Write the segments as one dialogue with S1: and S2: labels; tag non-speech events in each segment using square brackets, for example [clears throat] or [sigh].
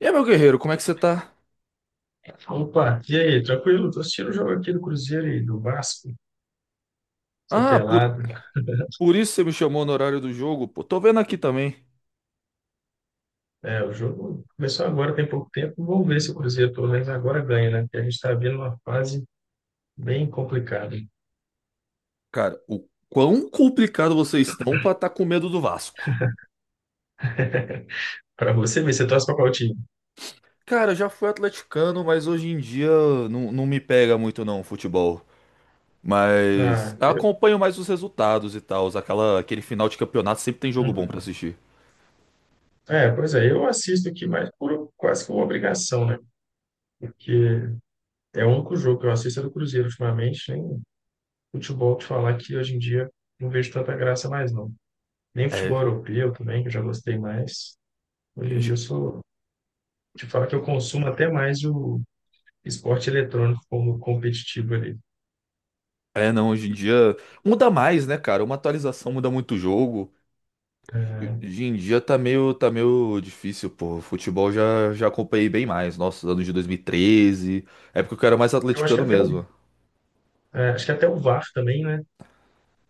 S1: E aí, meu guerreiro, como é que você tá?
S2: Opa, e aí, tranquilo? Tô assistindo o jogo aqui do Cruzeiro e do Vasco, essa
S1: Ah, por,
S2: pelada.
S1: por
S2: [laughs]
S1: isso você me chamou no horário do jogo, pô. Tô vendo aqui também.
S2: É, o jogo começou agora, tem pouco tempo. Vamos ver se o Cruzeiro pelo menos agora ganha, né? Porque a gente está vendo uma fase bem complicada.
S1: Cara, o quão complicado vocês estão pra tá com medo do Vasco.
S2: [laughs] Para você ver, você torce para qual time?
S1: Cara, eu já fui atleticano, mas hoje em dia não me pega muito não, o futebol. Mas
S2: Ah,
S1: eu acompanho mais os resultados e tal. Aquele final de campeonato sempre tem jogo bom pra
S2: uhum.
S1: assistir.
S2: É, pois é, eu assisto aqui mais por quase que uma obrigação, né? Porque é o único jogo que eu assisto é do Cruzeiro ultimamente, nem futebol te falar que hoje em dia não vejo tanta graça mais, não. Nem
S1: É,
S2: futebol
S1: é,
S2: europeu também, que eu já gostei mais. Hoje em dia eu sou, te falar que eu consumo até mais o esporte eletrônico como competitivo ali.
S1: não, hoje em dia muda mais, né, cara? Uma atualização muda muito o jogo.
S2: É,
S1: Hoje em dia tá meio difícil, pô. Futebol já acompanhei bem mais. Nossa, anos de 2013, época que eu era mais
S2: eu acho que
S1: atleticano
S2: até o,
S1: mesmo.
S2: é, acho que até o VAR também, né?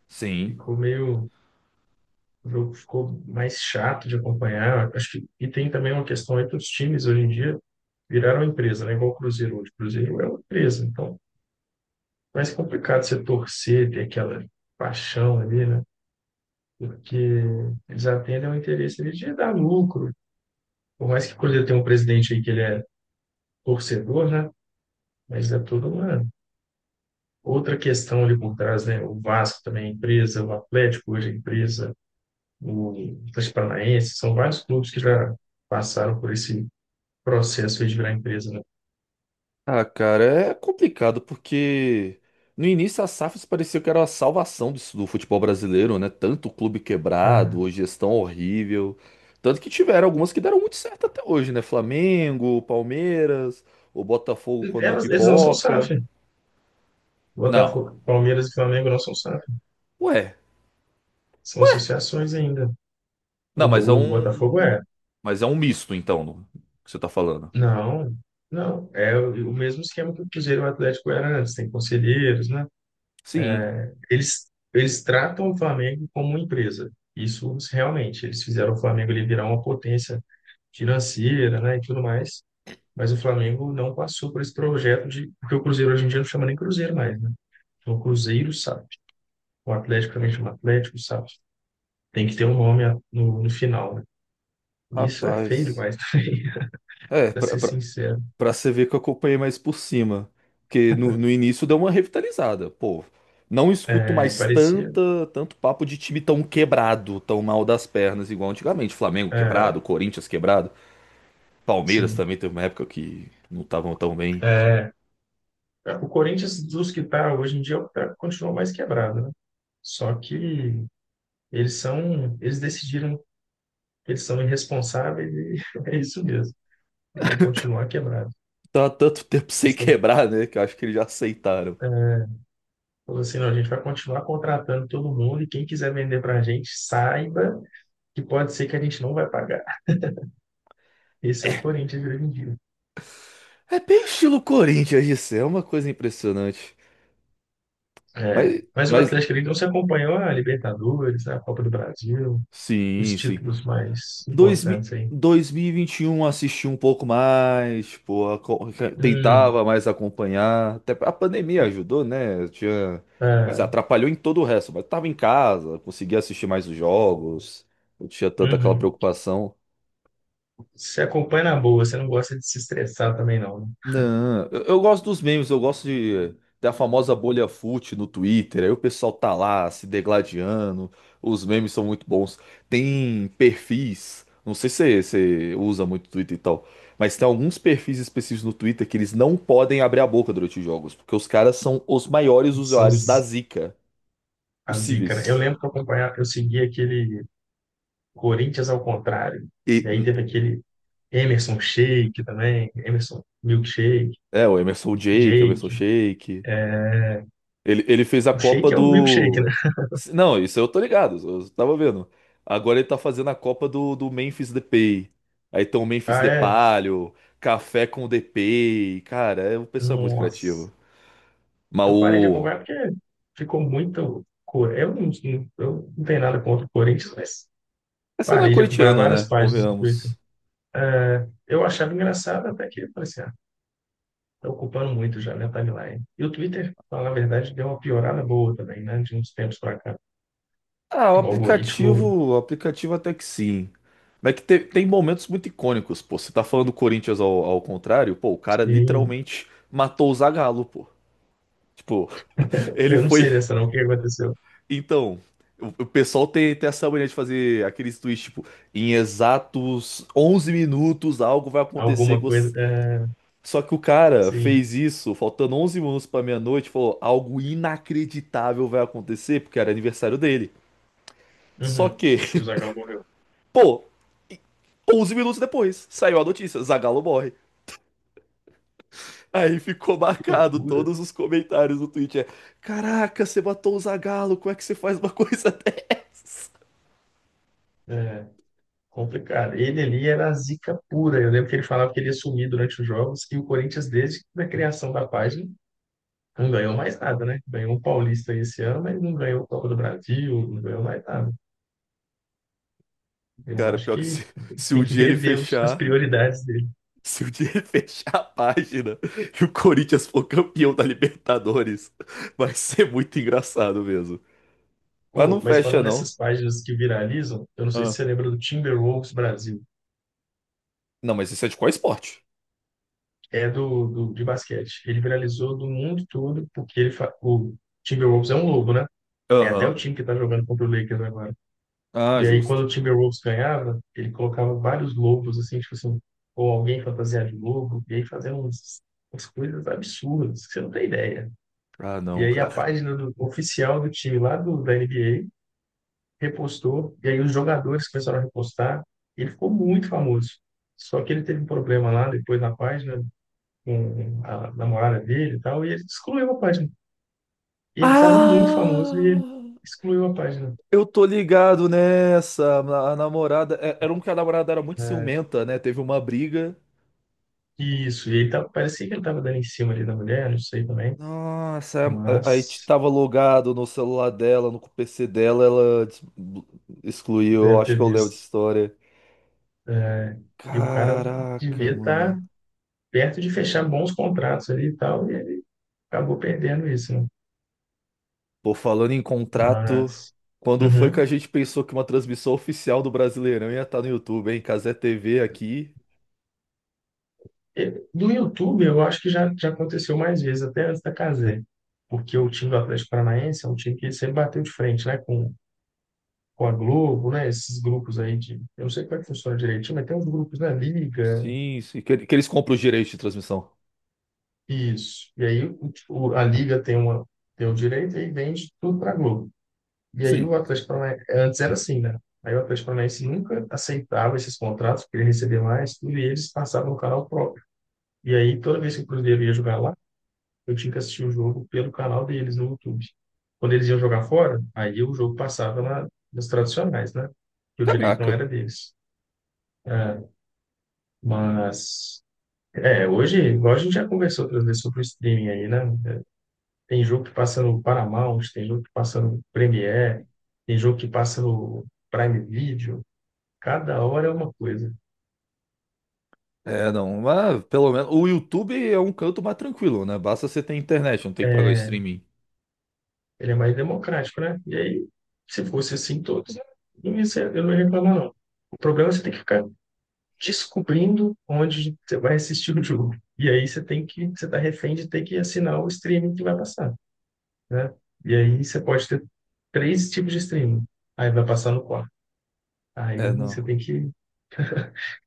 S1: Sim.
S2: Ficou meio, o jogo ficou mais chato de acompanhar. E tem também uma questão aí que os times hoje em dia viraram empresa, né? Igual o Cruzeiro hoje. O Cruzeiro é uma empresa, então é mais complicado você torcer, ter aquela paixão ali, né? Porque eles atendem ao interesse ali de dar lucro. Por mais que o Cruzeiro tenha um presidente aí que ele é torcedor, né? Mas é toda uma outra questão ali por trás, né? O Vasco também é empresa, o Atlético hoje é empresa, o Atlético Paranaense, são vários clubes que já passaram por esse processo aí de virar empresa, né?
S1: Ah, cara, é complicado porque no início a SAFs parecia que era a salvação do futebol brasileiro, né? Tanto clube
S2: Ah,
S1: quebrado, gestão horrível. Tanto que tiveram algumas que deram muito certo até hoje, né? Flamengo, Palmeiras, o Botafogo quando não
S2: eles não são
S1: pipoca.
S2: SAF.
S1: Não.
S2: Botafogo, Palmeiras e Flamengo não são SAF.
S1: Ué.
S2: São associações ainda. O,
S1: Não, mas é
S2: o
S1: um.
S2: Botafogo
S1: Um
S2: é.
S1: Mas é um misto, então, que você tá falando.
S2: Não, não. É o mesmo esquema que o Cruzeiro e o Atlético era antes. Tem conselheiros, né?
S1: Sim.
S2: Eles tratam o Flamengo como uma empresa. Isso realmente. Eles fizeram o Flamengo ele virar uma potência financeira, né, e tudo mais. Mas o Flamengo não passou por esse projeto de. Porque o Cruzeiro hoje em dia não chama nem Cruzeiro mais, né? Então, o Cruzeiro SAF. O Atlético também chama Atlético SAF. Tem que ter um nome no final, né? E isso é feio
S1: Rapaz.
S2: demais [laughs] também,
S1: É,
S2: para
S1: pra,
S2: ser
S1: pra,
S2: sincero.
S1: pra você ver que eu acompanhei mais por cima. Porque no início deu uma revitalizada. Pô, não escuto
S2: É,
S1: mais
S2: parecia.
S1: tanto papo de time tão quebrado, tão mal das pernas, igual antigamente. Flamengo
S2: É,
S1: quebrado, Corinthians quebrado. Palmeiras
S2: sim.
S1: também teve uma época que não estavam tão bem.
S2: O Corinthians, dos que está hoje em dia, é o que continua mais quebrado, né? Só que eles decidiram que eles são irresponsáveis e [laughs] é isso mesmo. Eles vão continuar quebrados.
S1: Tá tanto tempo [laughs]
S2: Eles
S1: sem
S2: estão
S1: quebrar, né? Que eu acho que eles já aceitaram.
S2: falando assim, não, a gente vai continuar contratando todo mundo e quem quiser vender para a gente, saiba que pode ser que a gente não vai pagar. Esse
S1: É,
S2: é o Corinthians de hoje em dia.
S1: é bem estilo Corinthians, isso é uma coisa impressionante.
S2: É.
S1: Mas,
S2: Mas o
S1: mas
S2: Atlético ele não se acompanhou a Libertadores, a Copa do Brasil, os
S1: Sim, sim.
S2: títulos mais importantes aí.
S1: 2021 assisti um pouco mais, tipo,
S2: Hum,
S1: tentava mais acompanhar. Até a pandemia ajudou, né? Eu Tinha, quer dizer,
S2: ah,
S1: atrapalhou em todo o resto, mas tava em casa, conseguia assistir mais os jogos, não tinha tanta aquela
S2: uhum.
S1: preocupação.
S2: Você acompanha na boa, você não gosta de se estressar também não, né?
S1: Não, eu gosto dos memes, da famosa bolha fut no Twitter. Aí o pessoal tá lá se degladiando. Os memes são muito bons. Tem perfis, não sei se você usa muito Twitter e tal, mas tem alguns perfis específicos no Twitter que eles não podem abrir a boca durante os jogos, porque os caras são os maiores
S2: São
S1: usuários da
S2: os
S1: zica
S2: A zica, né? Eu
S1: possíveis.
S2: lembro que eu acompanhava, eu seguia aquele Corinthians ao contrário.
S1: E,
S2: E aí teve aquele Emerson Shake também, Emerson Milkshake,
S1: o Emerson Jake, o Emerson
S2: Jake.
S1: Shake. Ele fez a
S2: O
S1: Copa
S2: Shake é o milkshake, né?
S1: do. Não, isso eu tô ligado, eu tava vendo. Agora ele tá fazendo a Copa do Memphis Depay. Aí tem o Memphis
S2: Ah, é?
S1: Depalho, Café com o Depay. Cara, é um pessoal muito
S2: Nossa.
S1: criativo. Mas
S2: Eu parei de
S1: o.
S2: acompanhar porque ficou muito. co- Eu não, eu não tenho nada contra o Corinthians, mas
S1: Essa não é
S2: parei de acompanhar
S1: corintiano,
S2: várias
S1: né?
S2: páginas do Twitter.
S1: Convenhamos.
S2: É, eu achava engraçado até que parecia, ah, tá ocupando muito já, né, timeline. E o Twitter, pra falar a verdade, deu uma piorada boa também, né, de uns tempos pra cá.
S1: Ah, o
S2: O
S1: aplicativo.
S2: algoritmo,
S1: O aplicativo até que sim. Mas é que tem momentos muito icônicos, pô. Você tá falando do Corinthians ao contrário, pô, o cara
S2: sim.
S1: literalmente matou o Zagallo, pô. Tipo, [laughs] ele
S2: Eu não
S1: foi.
S2: sei dessa não, o que aconteceu?
S1: Então, o pessoal tem essa mania de fazer aqueles tweets, tipo, em exatos 11 minutos algo vai acontecer. Que
S2: Alguma coisa,
S1: você...
S2: é,
S1: Só que o cara
S2: sim.
S1: fez isso, faltando 11 minutos pra meia-noite, falou, algo inacreditável vai acontecer, porque era aniversário dele. Só
S2: Uhum.
S1: que,
S2: E o
S1: [laughs]
S2: Zagal morreu.
S1: pô, 11 minutos depois, saiu a notícia, Zagallo morre. Aí ficou
S2: Que
S1: marcado
S2: loucura.
S1: todos os comentários do tweet, é, caraca, você matou o Zagallo, como é que você faz uma coisa [laughs] dessa?
S2: É, complicado. Ele ali era a zica pura. Eu lembro que ele falava que ele ia sumir durante os jogos e o Corinthians, desde a criação da página, não ganhou mais nada, né? Ganhou um Paulista esse ano, mas não ganhou o Copa do Brasil, não ganhou mais nada. Eu
S1: Cara,
S2: acho
S1: pior que
S2: que
S1: se um
S2: tem que
S1: dia ele
S2: rever as
S1: fechar...
S2: prioridades dele.
S1: Se o dia [laughs] fechar a página e o Corinthians for campeão da Libertadores, vai ser muito engraçado mesmo. Mas não
S2: Pô, mas
S1: fecha,
S2: falando
S1: não.
S2: nessas páginas que viralizam, eu não sei se
S1: Ah.
S2: você lembra do Timberwolves Brasil.
S1: Não, mas isso é de qual esporte?
S2: É do de basquete. Ele viralizou do mundo todo porque ele fa... o Timberwolves é um lobo, né? É até o
S1: Aham.
S2: time que tá jogando contra o Lakers agora.
S1: Ah,
S2: E aí
S1: justo.
S2: quando o Timberwolves ganhava, ele colocava vários lobos assim, tipo assim, ou alguém fantasiado de lobo, e aí fazendo uns, umas coisas absurdas, que você não tem ideia.
S1: Ah,
S2: E
S1: não,
S2: aí a
S1: cara.
S2: página oficial do time lá da NBA repostou, e aí os jogadores começaram a repostar, e ele ficou muito famoso. Só que ele teve um problema lá depois na página, com a namorada dele e tal, e ele excluiu a página. E ele estava muito famoso e ele
S1: Ah!
S2: excluiu a página.
S1: Eu tô ligado nessa. A namorada. Era um que a namorada era muito
S2: Né?
S1: ciumenta, né? Teve uma briga.
S2: Isso, e ele tava, parecia que ele estava dando em cima ali da mulher, não sei também,
S1: Nossa,
S2: mas
S1: tava logado no celular dela, no PC dela, excluiu. Eu
S2: deve
S1: acho
S2: ter
S1: que eu lembro dessa
S2: visto.
S1: história.
S2: É, e o cara
S1: Caraca,
S2: devia estar
S1: mano.
S2: perto de fechar bons contratos ali e tal, e ele acabou perdendo isso, né?
S1: Pô, falando em contrato,
S2: Mas.
S1: quando foi que a
S2: Uhum.
S1: gente pensou que uma transmissão oficial do Brasileirão ia estar no YouTube, hein? Cazé TV aqui.
S2: E do YouTube, eu acho que já aconteceu mais vezes, até antes da Cazé. Porque o time do Atlético Paranaense é um time que sempre bateu de frente, né, com a Globo, né? Esses grupos aí de. Eu não sei como é que funciona direitinho, mas tem uns grupos na Liga,
S1: Sim, sim. Que eles compram os direitos de transmissão.
S2: isso. E aí a Liga tem, tem o direito e vende tudo para a Globo. E aí
S1: Sim.
S2: o Atlético Paranaense. Antes era assim, né? Aí o Atlético Paranaense nunca aceitava esses contratos, queria receber mais, tudo, e eles passavam no canal próprio. E aí toda vez que o Cruzeiro ia jogar lá, eu tinha que assistir o jogo pelo canal deles no YouTube. Quando eles iam jogar fora, aí o jogo passava nos tradicionais, né? Que o direito não
S1: Caraca.
S2: era deles. É, mas É, hoje, igual a gente já conversou outras vezes sobre o streaming aí, né? Tem jogo que passa no Paramount, tem jogo que passa no Premiere, tem jogo que passa no Prime Video. Cada hora é uma coisa.
S1: É, não, mas pelo menos o YouTube é um canto mais tranquilo, né? Basta você ter internet, não tem que pagar streaming.
S2: Ele é mais democrático, né? E aí, se fosse assim todos, não ia eu não ia reclamar, não. O problema é você ter que ficar descobrindo onde você vai assistir o jogo. E aí você tá refém de ter que assinar o streaming que vai passar, né? E aí você pode ter três tipos de streaming. Aí vai passar no aí
S1: É,
S2: você
S1: não.
S2: tem que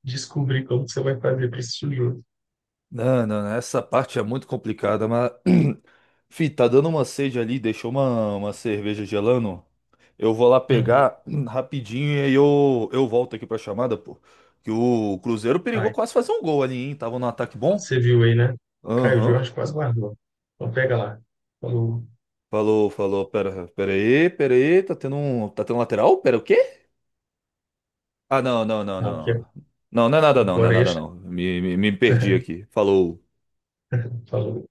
S2: descobrir como que você vai fazer para esse tijolo.
S1: Não, essa parte é muito complicada, mas. [clears throat] Fih, tá dando uma sede ali, deixou uma cerveja gelando. Eu vou lá
S2: Uhum.
S1: pegar [clears throat] rapidinho e aí eu volto aqui pra chamada, pô. Que o Cruzeiro perigou
S2: Aí,
S1: quase fazer um gol ali, hein? Tava num ataque bom.
S2: você viu aí, né? Caio
S1: Aham.
S2: Jorge quase guardou. Então pega lá. Falou.
S1: Falou, falou. Pera aí. Tá tendo um lateral? Pera, o quê?
S2: Não,
S1: Não.
S2: que
S1: Não, não é nada, não não é
S2: agora é.
S1: nada, não. Me perdi
S2: [laughs]
S1: aqui. Falou.
S2: Falou.